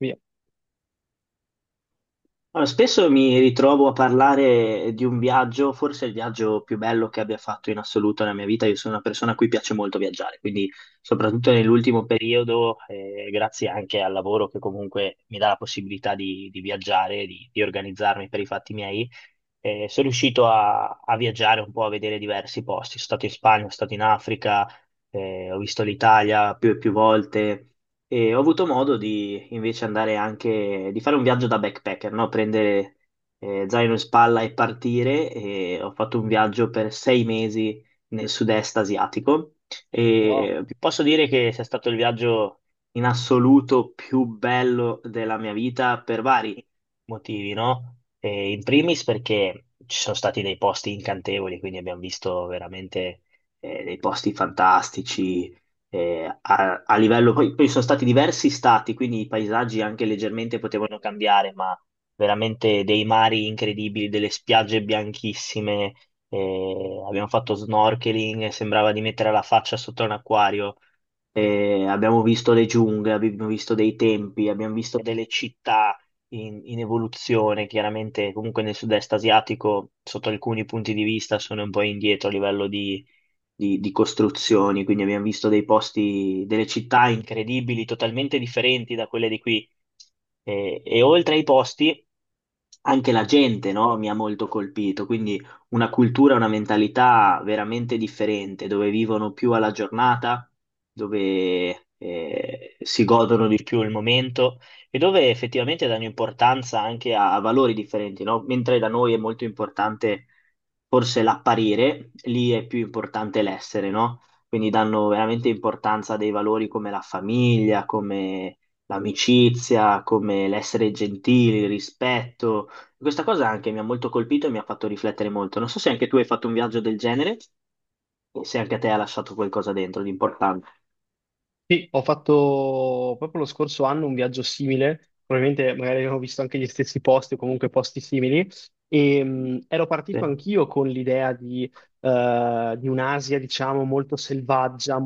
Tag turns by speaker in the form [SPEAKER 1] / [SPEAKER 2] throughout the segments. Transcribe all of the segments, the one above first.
[SPEAKER 1] Via.
[SPEAKER 2] Allora, spesso mi ritrovo a parlare di un viaggio, forse il viaggio più bello che abbia fatto in assoluto nella mia vita. Io sono una persona a cui piace molto viaggiare, quindi soprattutto nell'ultimo periodo, grazie anche al lavoro che comunque mi dà la possibilità di viaggiare, di organizzarmi per i fatti miei, e sono riuscito a viaggiare un po', a vedere diversi posti. Sono stato in Spagna, sono stato in Africa, ho visto l'Italia più e più volte e ho avuto modo di invece andare anche, di fare un viaggio da backpacker, no? Prendere zaino in spalla e partire. E ho fatto un viaggio per 6 mesi nel sud-est asiatico
[SPEAKER 1] Wow.
[SPEAKER 2] e vi posso dire che sia stato il viaggio in assoluto più bello della mia vita per vari motivi, no? In primis perché ci sono stati dei posti incantevoli, quindi abbiamo visto veramente dei posti fantastici a livello, poi sono stati diversi stati, quindi i paesaggi anche leggermente potevano cambiare, ma veramente dei mari incredibili, delle spiagge bianchissime, abbiamo fatto snorkeling, sembrava di mettere la faccia sotto un acquario. Abbiamo visto le giungle, abbiamo visto dei tempi, abbiamo visto delle città in evoluzione. Chiaramente, comunque nel sud-est asiatico, sotto alcuni punti di vista, sono un po' indietro a livello di costruzioni. Quindi abbiamo visto dei posti, delle città incredibili, totalmente differenti da quelle di qui. E oltre ai posti anche la gente, no, mi ha molto colpito, quindi una cultura, una mentalità veramente differente, dove vivono più alla giornata, dove si godono di più il momento e dove effettivamente danno importanza anche a valori differenti, no? Mentre da noi è molto importante forse l'apparire, lì è più importante l'essere, no? Quindi danno veramente importanza a dei valori come la famiglia, come l'amicizia, come l'essere gentili, il rispetto. Questa cosa anche mi ha molto colpito e mi ha fatto riflettere molto. Non so se anche tu hai fatto un viaggio del genere e se anche a te ha lasciato qualcosa dentro di importante.
[SPEAKER 1] Sì, ho fatto proprio lo scorso anno un viaggio simile, probabilmente magari abbiamo visto anche gli stessi posti o comunque posti simili, e ero
[SPEAKER 2] Sì,
[SPEAKER 1] partito anch'io con l'idea di un'Asia, diciamo, molto selvaggia,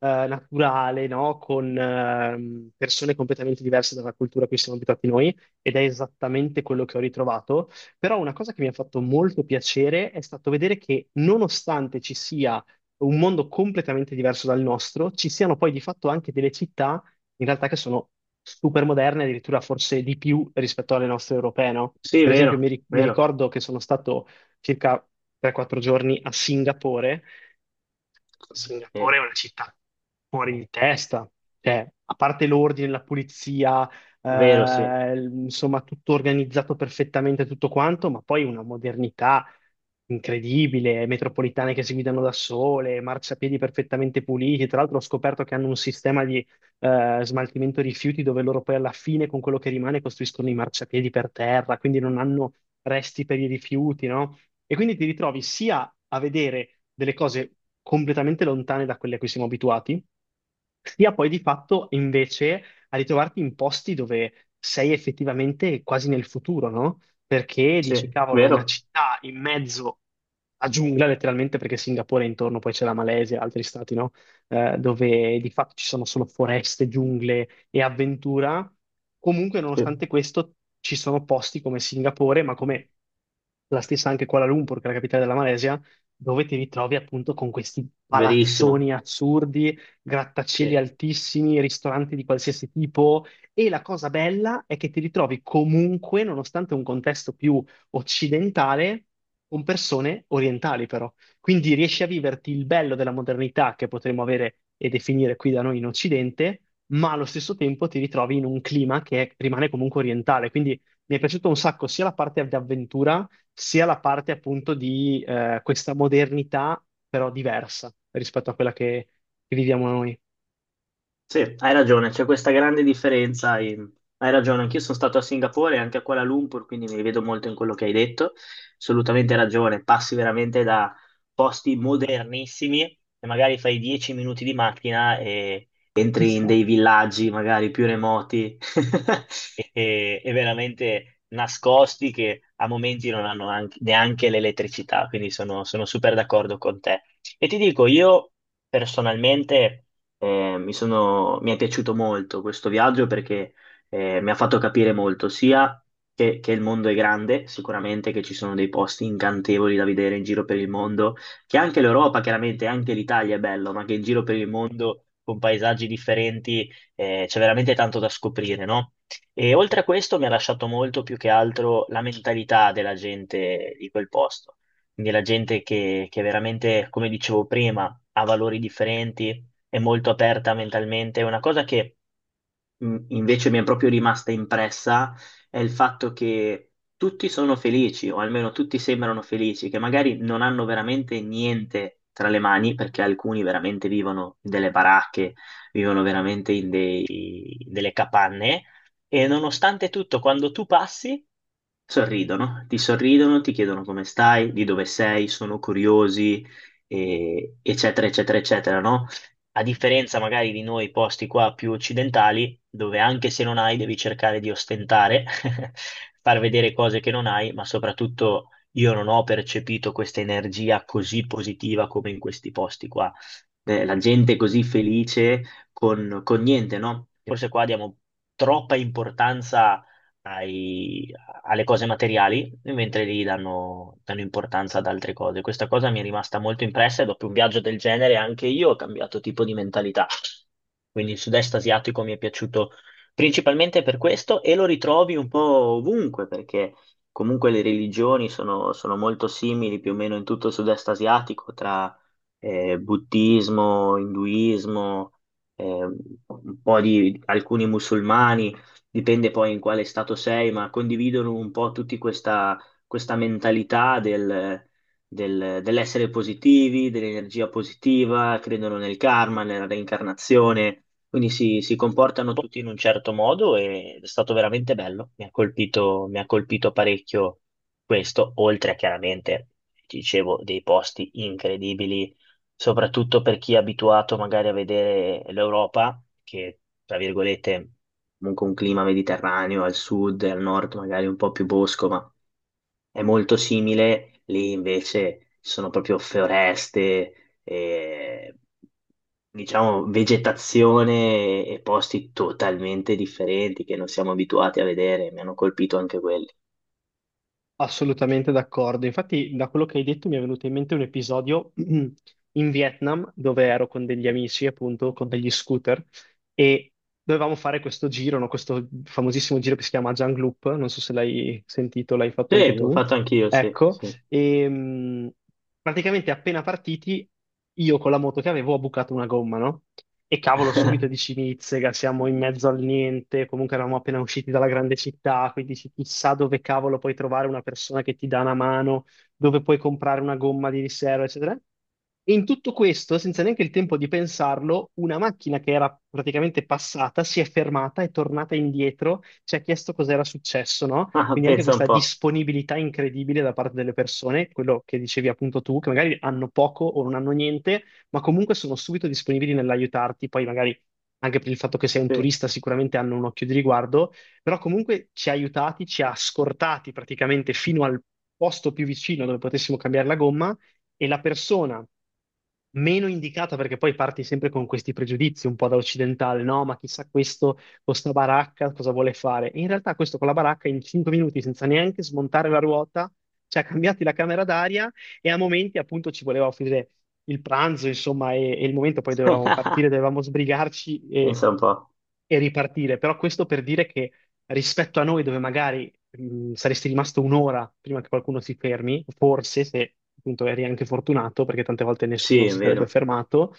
[SPEAKER 1] naturale, no? Con persone completamente diverse dalla cultura a cui siamo abituati noi, ed è esattamente quello che ho ritrovato. Però una cosa che mi ha fatto molto piacere è stato vedere che nonostante ci sia un mondo completamente diverso dal nostro, ci siano poi di fatto anche delle città in realtà che sono super moderne, addirittura forse di più rispetto alle nostre europee, no?
[SPEAKER 2] sì,
[SPEAKER 1] Per esempio,
[SPEAKER 2] vero,
[SPEAKER 1] mi
[SPEAKER 2] vero.
[SPEAKER 1] ricordo che sono stato circa 3-4 giorni a Singapore.
[SPEAKER 2] Sì,
[SPEAKER 1] Singapore è una città fuori di testa, cioè, a parte l'ordine, la pulizia,
[SPEAKER 2] vero, sì,
[SPEAKER 1] insomma, tutto organizzato perfettamente, tutto quanto, ma poi una modernità incredibile, metropolitane che si guidano da sole, marciapiedi perfettamente puliti. Tra l'altro ho scoperto che hanno un sistema di smaltimento rifiuti dove loro poi alla fine con quello che rimane costruiscono i marciapiedi per terra, quindi non hanno resti per i rifiuti, no? E quindi ti ritrovi sia a vedere delle cose completamente lontane da quelle a cui siamo abituati, sia poi di fatto invece a ritrovarti in posti dove sei effettivamente quasi nel futuro, no? Perché dici,
[SPEAKER 2] sì,
[SPEAKER 1] cavolo, una
[SPEAKER 2] vero,
[SPEAKER 1] città in mezzo a giungla, letteralmente, perché Singapore è intorno, poi c'è la Malesia, altri stati, no? Dove di fatto ci sono solo foreste, giungle, e avventura, comunque
[SPEAKER 2] sì,
[SPEAKER 1] nonostante questo ci sono posti come Singapore, ma come la stessa anche Kuala Lumpur, che è la capitale della Malesia, dove ti ritrovi appunto con questi
[SPEAKER 2] verissimo.
[SPEAKER 1] palazzoni assurdi, grattacieli
[SPEAKER 2] Sì.
[SPEAKER 1] altissimi, ristoranti di qualsiasi tipo. E la cosa bella è che ti ritrovi comunque, nonostante un contesto più occidentale, con persone orientali però. Quindi riesci a viverti il bello della modernità che potremmo avere e definire qui da noi in Occidente, ma allo stesso tempo ti ritrovi in un clima che rimane comunque orientale. Quindi mi è piaciuto un sacco sia la parte di avventura, sia la parte appunto di questa modernità, però diversa rispetto a quella che viviamo noi.
[SPEAKER 2] Sì, hai ragione, c'è questa grande differenza. Hai ragione, anch'io sono stato a Singapore e anche a Kuala Lumpur, quindi mi rivedo molto in quello che hai detto. Assolutamente ragione, passi veramente da posti modernissimi e magari fai 10 minuti di macchina e entri in
[SPEAKER 1] Esatto.
[SPEAKER 2] dei villaggi magari più remoti e veramente nascosti che a momenti non hanno neanche l'elettricità, quindi sono super d'accordo con te. E ti dico, io personalmente. Mi è piaciuto molto questo viaggio perché mi ha fatto capire molto sia che il mondo è grande, sicuramente che ci sono dei posti incantevoli da vedere in giro per il mondo, che anche l'Europa, chiaramente anche l'Italia è bello, ma che in giro per il mondo con paesaggi differenti c'è veramente tanto da scoprire, no? E oltre a questo mi ha lasciato molto più che altro la mentalità della gente di quel posto, quindi la gente che veramente, come dicevo prima, ha valori differenti è molto aperta mentalmente. Una cosa che invece mi è proprio rimasta impressa è il fatto che tutti sono felici, o almeno tutti sembrano felici, che magari non hanno veramente niente tra le mani, perché alcuni veramente vivono in delle baracche, vivono veramente delle capanne. E nonostante tutto, quando tu passi, sorridono, ti sorridono, ti chiedono come stai, di dove sei, sono curiosi, eccetera, eccetera, eccetera, no? A differenza magari di noi posti qua più occidentali, dove anche se non hai devi cercare di ostentare, far vedere cose che non hai, ma soprattutto io non ho percepito questa energia così positiva come in questi posti qua. La gente è così felice con niente, no? Forse qua diamo troppa importanza ai- alle cose materiali, mentre lì danno, danno importanza ad altre cose. Questa cosa mi è rimasta molto impressa e dopo un viaggio del genere anche io ho cambiato tipo di mentalità. Quindi il sud-est asiatico mi è piaciuto principalmente per questo e lo ritrovi un po' ovunque perché comunque le religioni sono, sono molto simili più o meno in tutto il sud-est asiatico tra buddismo, induismo, eh, un po' di alcuni musulmani dipende poi in quale stato sei, ma condividono un po' tutti questa, questa mentalità dell'essere positivi, dell'energia positiva, credono nel karma, nella reincarnazione, quindi si comportano tutti in un certo modo e è stato veramente bello, mi ha colpito parecchio questo, oltre a chiaramente, ti dicevo, dei posti incredibili soprattutto per chi è abituato magari a vedere l'Europa, che tra virgolette comunque un clima mediterraneo al sud e al nord, magari un po' più bosco, ma è molto simile. Lì invece ci sono proprio foreste, e, diciamo vegetazione e posti totalmente differenti che non siamo abituati a vedere. Mi hanno colpito anche quelli.
[SPEAKER 1] Assolutamente d'accordo. Infatti, da quello che hai detto mi è venuto in mente un episodio in Vietnam dove ero con degli amici, appunto, con degli scooter e dovevamo fare questo giro, no? Questo famosissimo giro che si chiama Jung Loop. Non so se l'hai sentito, l'hai fatto anche
[SPEAKER 2] Sì, l'ho
[SPEAKER 1] tu.
[SPEAKER 2] fatto anch'io, sì,
[SPEAKER 1] Ecco,
[SPEAKER 2] sì.
[SPEAKER 1] e praticamente appena partiti, io con la moto che avevo ho bucato una gomma, no? E cavolo, subito dici Nizzega, siamo in mezzo al niente, comunque eravamo appena usciti dalla grande città, quindi dici chissà dove cavolo puoi trovare una persona che ti dà una mano dove puoi comprare una gomma di riserva, eccetera. E in tutto questo, senza neanche il tempo di pensarlo, una macchina che era praticamente passata si è fermata, è tornata indietro, ci ha chiesto cos'era successo, no?
[SPEAKER 2] Ah,
[SPEAKER 1] Quindi anche
[SPEAKER 2] pensa un
[SPEAKER 1] questa
[SPEAKER 2] po',
[SPEAKER 1] disponibilità incredibile da parte delle persone, quello che dicevi appunto tu, che magari hanno poco o non hanno niente, ma comunque sono subito disponibili nell'aiutarti, poi magari anche per il fatto che sei un
[SPEAKER 2] sì.
[SPEAKER 1] turista sicuramente hanno un occhio di riguardo però comunque ci ha aiutati, ci ha scortati praticamente fino al posto più vicino dove potessimo cambiare la gomma e la persona meno indicata, perché poi parti sempre con questi pregiudizi un po' da occidentale, no? Ma chissà questo con sta baracca cosa vuole fare? E in realtà questo con la baracca in 5 minuti senza neanche smontare la ruota ci ha cambiati la camera d'aria e a momenti appunto ci voleva offrire il pranzo, insomma, e il momento poi dovevamo partire, dovevamo sbrigarci
[SPEAKER 2] Pensa un po'.
[SPEAKER 1] e ripartire. Però questo per dire che rispetto a noi, dove magari saresti rimasto 1 ora prima che qualcuno si fermi, forse se appunto eri anche fortunato, perché tante volte
[SPEAKER 2] Sì,
[SPEAKER 1] nessuno
[SPEAKER 2] è
[SPEAKER 1] si sarebbe
[SPEAKER 2] vero,
[SPEAKER 1] fermato.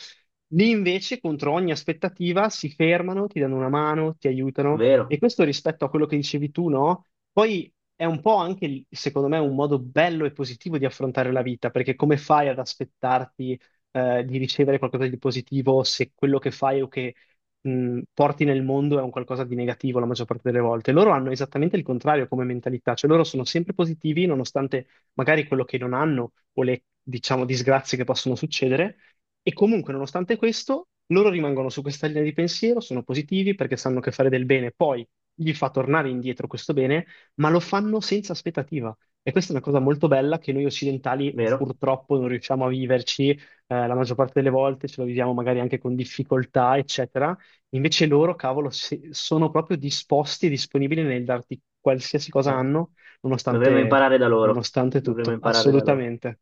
[SPEAKER 1] Lì invece, contro ogni aspettativa, si fermano, ti danno una mano, ti aiutano. E
[SPEAKER 2] vero,
[SPEAKER 1] questo rispetto a quello che dicevi tu, no? Poi è un po' anche, lì, secondo me, un modo bello e positivo di affrontare la vita, perché come fai ad aspettarti, di ricevere qualcosa di positivo se quello che fai porti nel mondo è un qualcosa di negativo la maggior parte delle volte? Loro hanno esattamente il contrario come mentalità, cioè loro sono sempre positivi nonostante magari quello che non hanno o le, diciamo, disgrazie che possono succedere, e comunque, nonostante questo, loro rimangono su questa linea di pensiero, sono positivi perché sanno che fare del bene poi gli fa tornare indietro questo bene ma lo fanno senza aspettativa. E questa è una cosa molto bella che noi occidentali
[SPEAKER 2] vero.
[SPEAKER 1] purtroppo non riusciamo a viverci, la maggior parte delle volte ce lo viviamo magari anche con difficoltà, eccetera. Invece loro, cavolo, sono proprio disposti e disponibili nel darti qualsiasi cosa
[SPEAKER 2] Certo.
[SPEAKER 1] hanno,
[SPEAKER 2] Dovremmo
[SPEAKER 1] nonostante,
[SPEAKER 2] imparare da loro.
[SPEAKER 1] nonostante
[SPEAKER 2] Dovremmo
[SPEAKER 1] tutto,
[SPEAKER 2] imparare da loro.
[SPEAKER 1] assolutamente.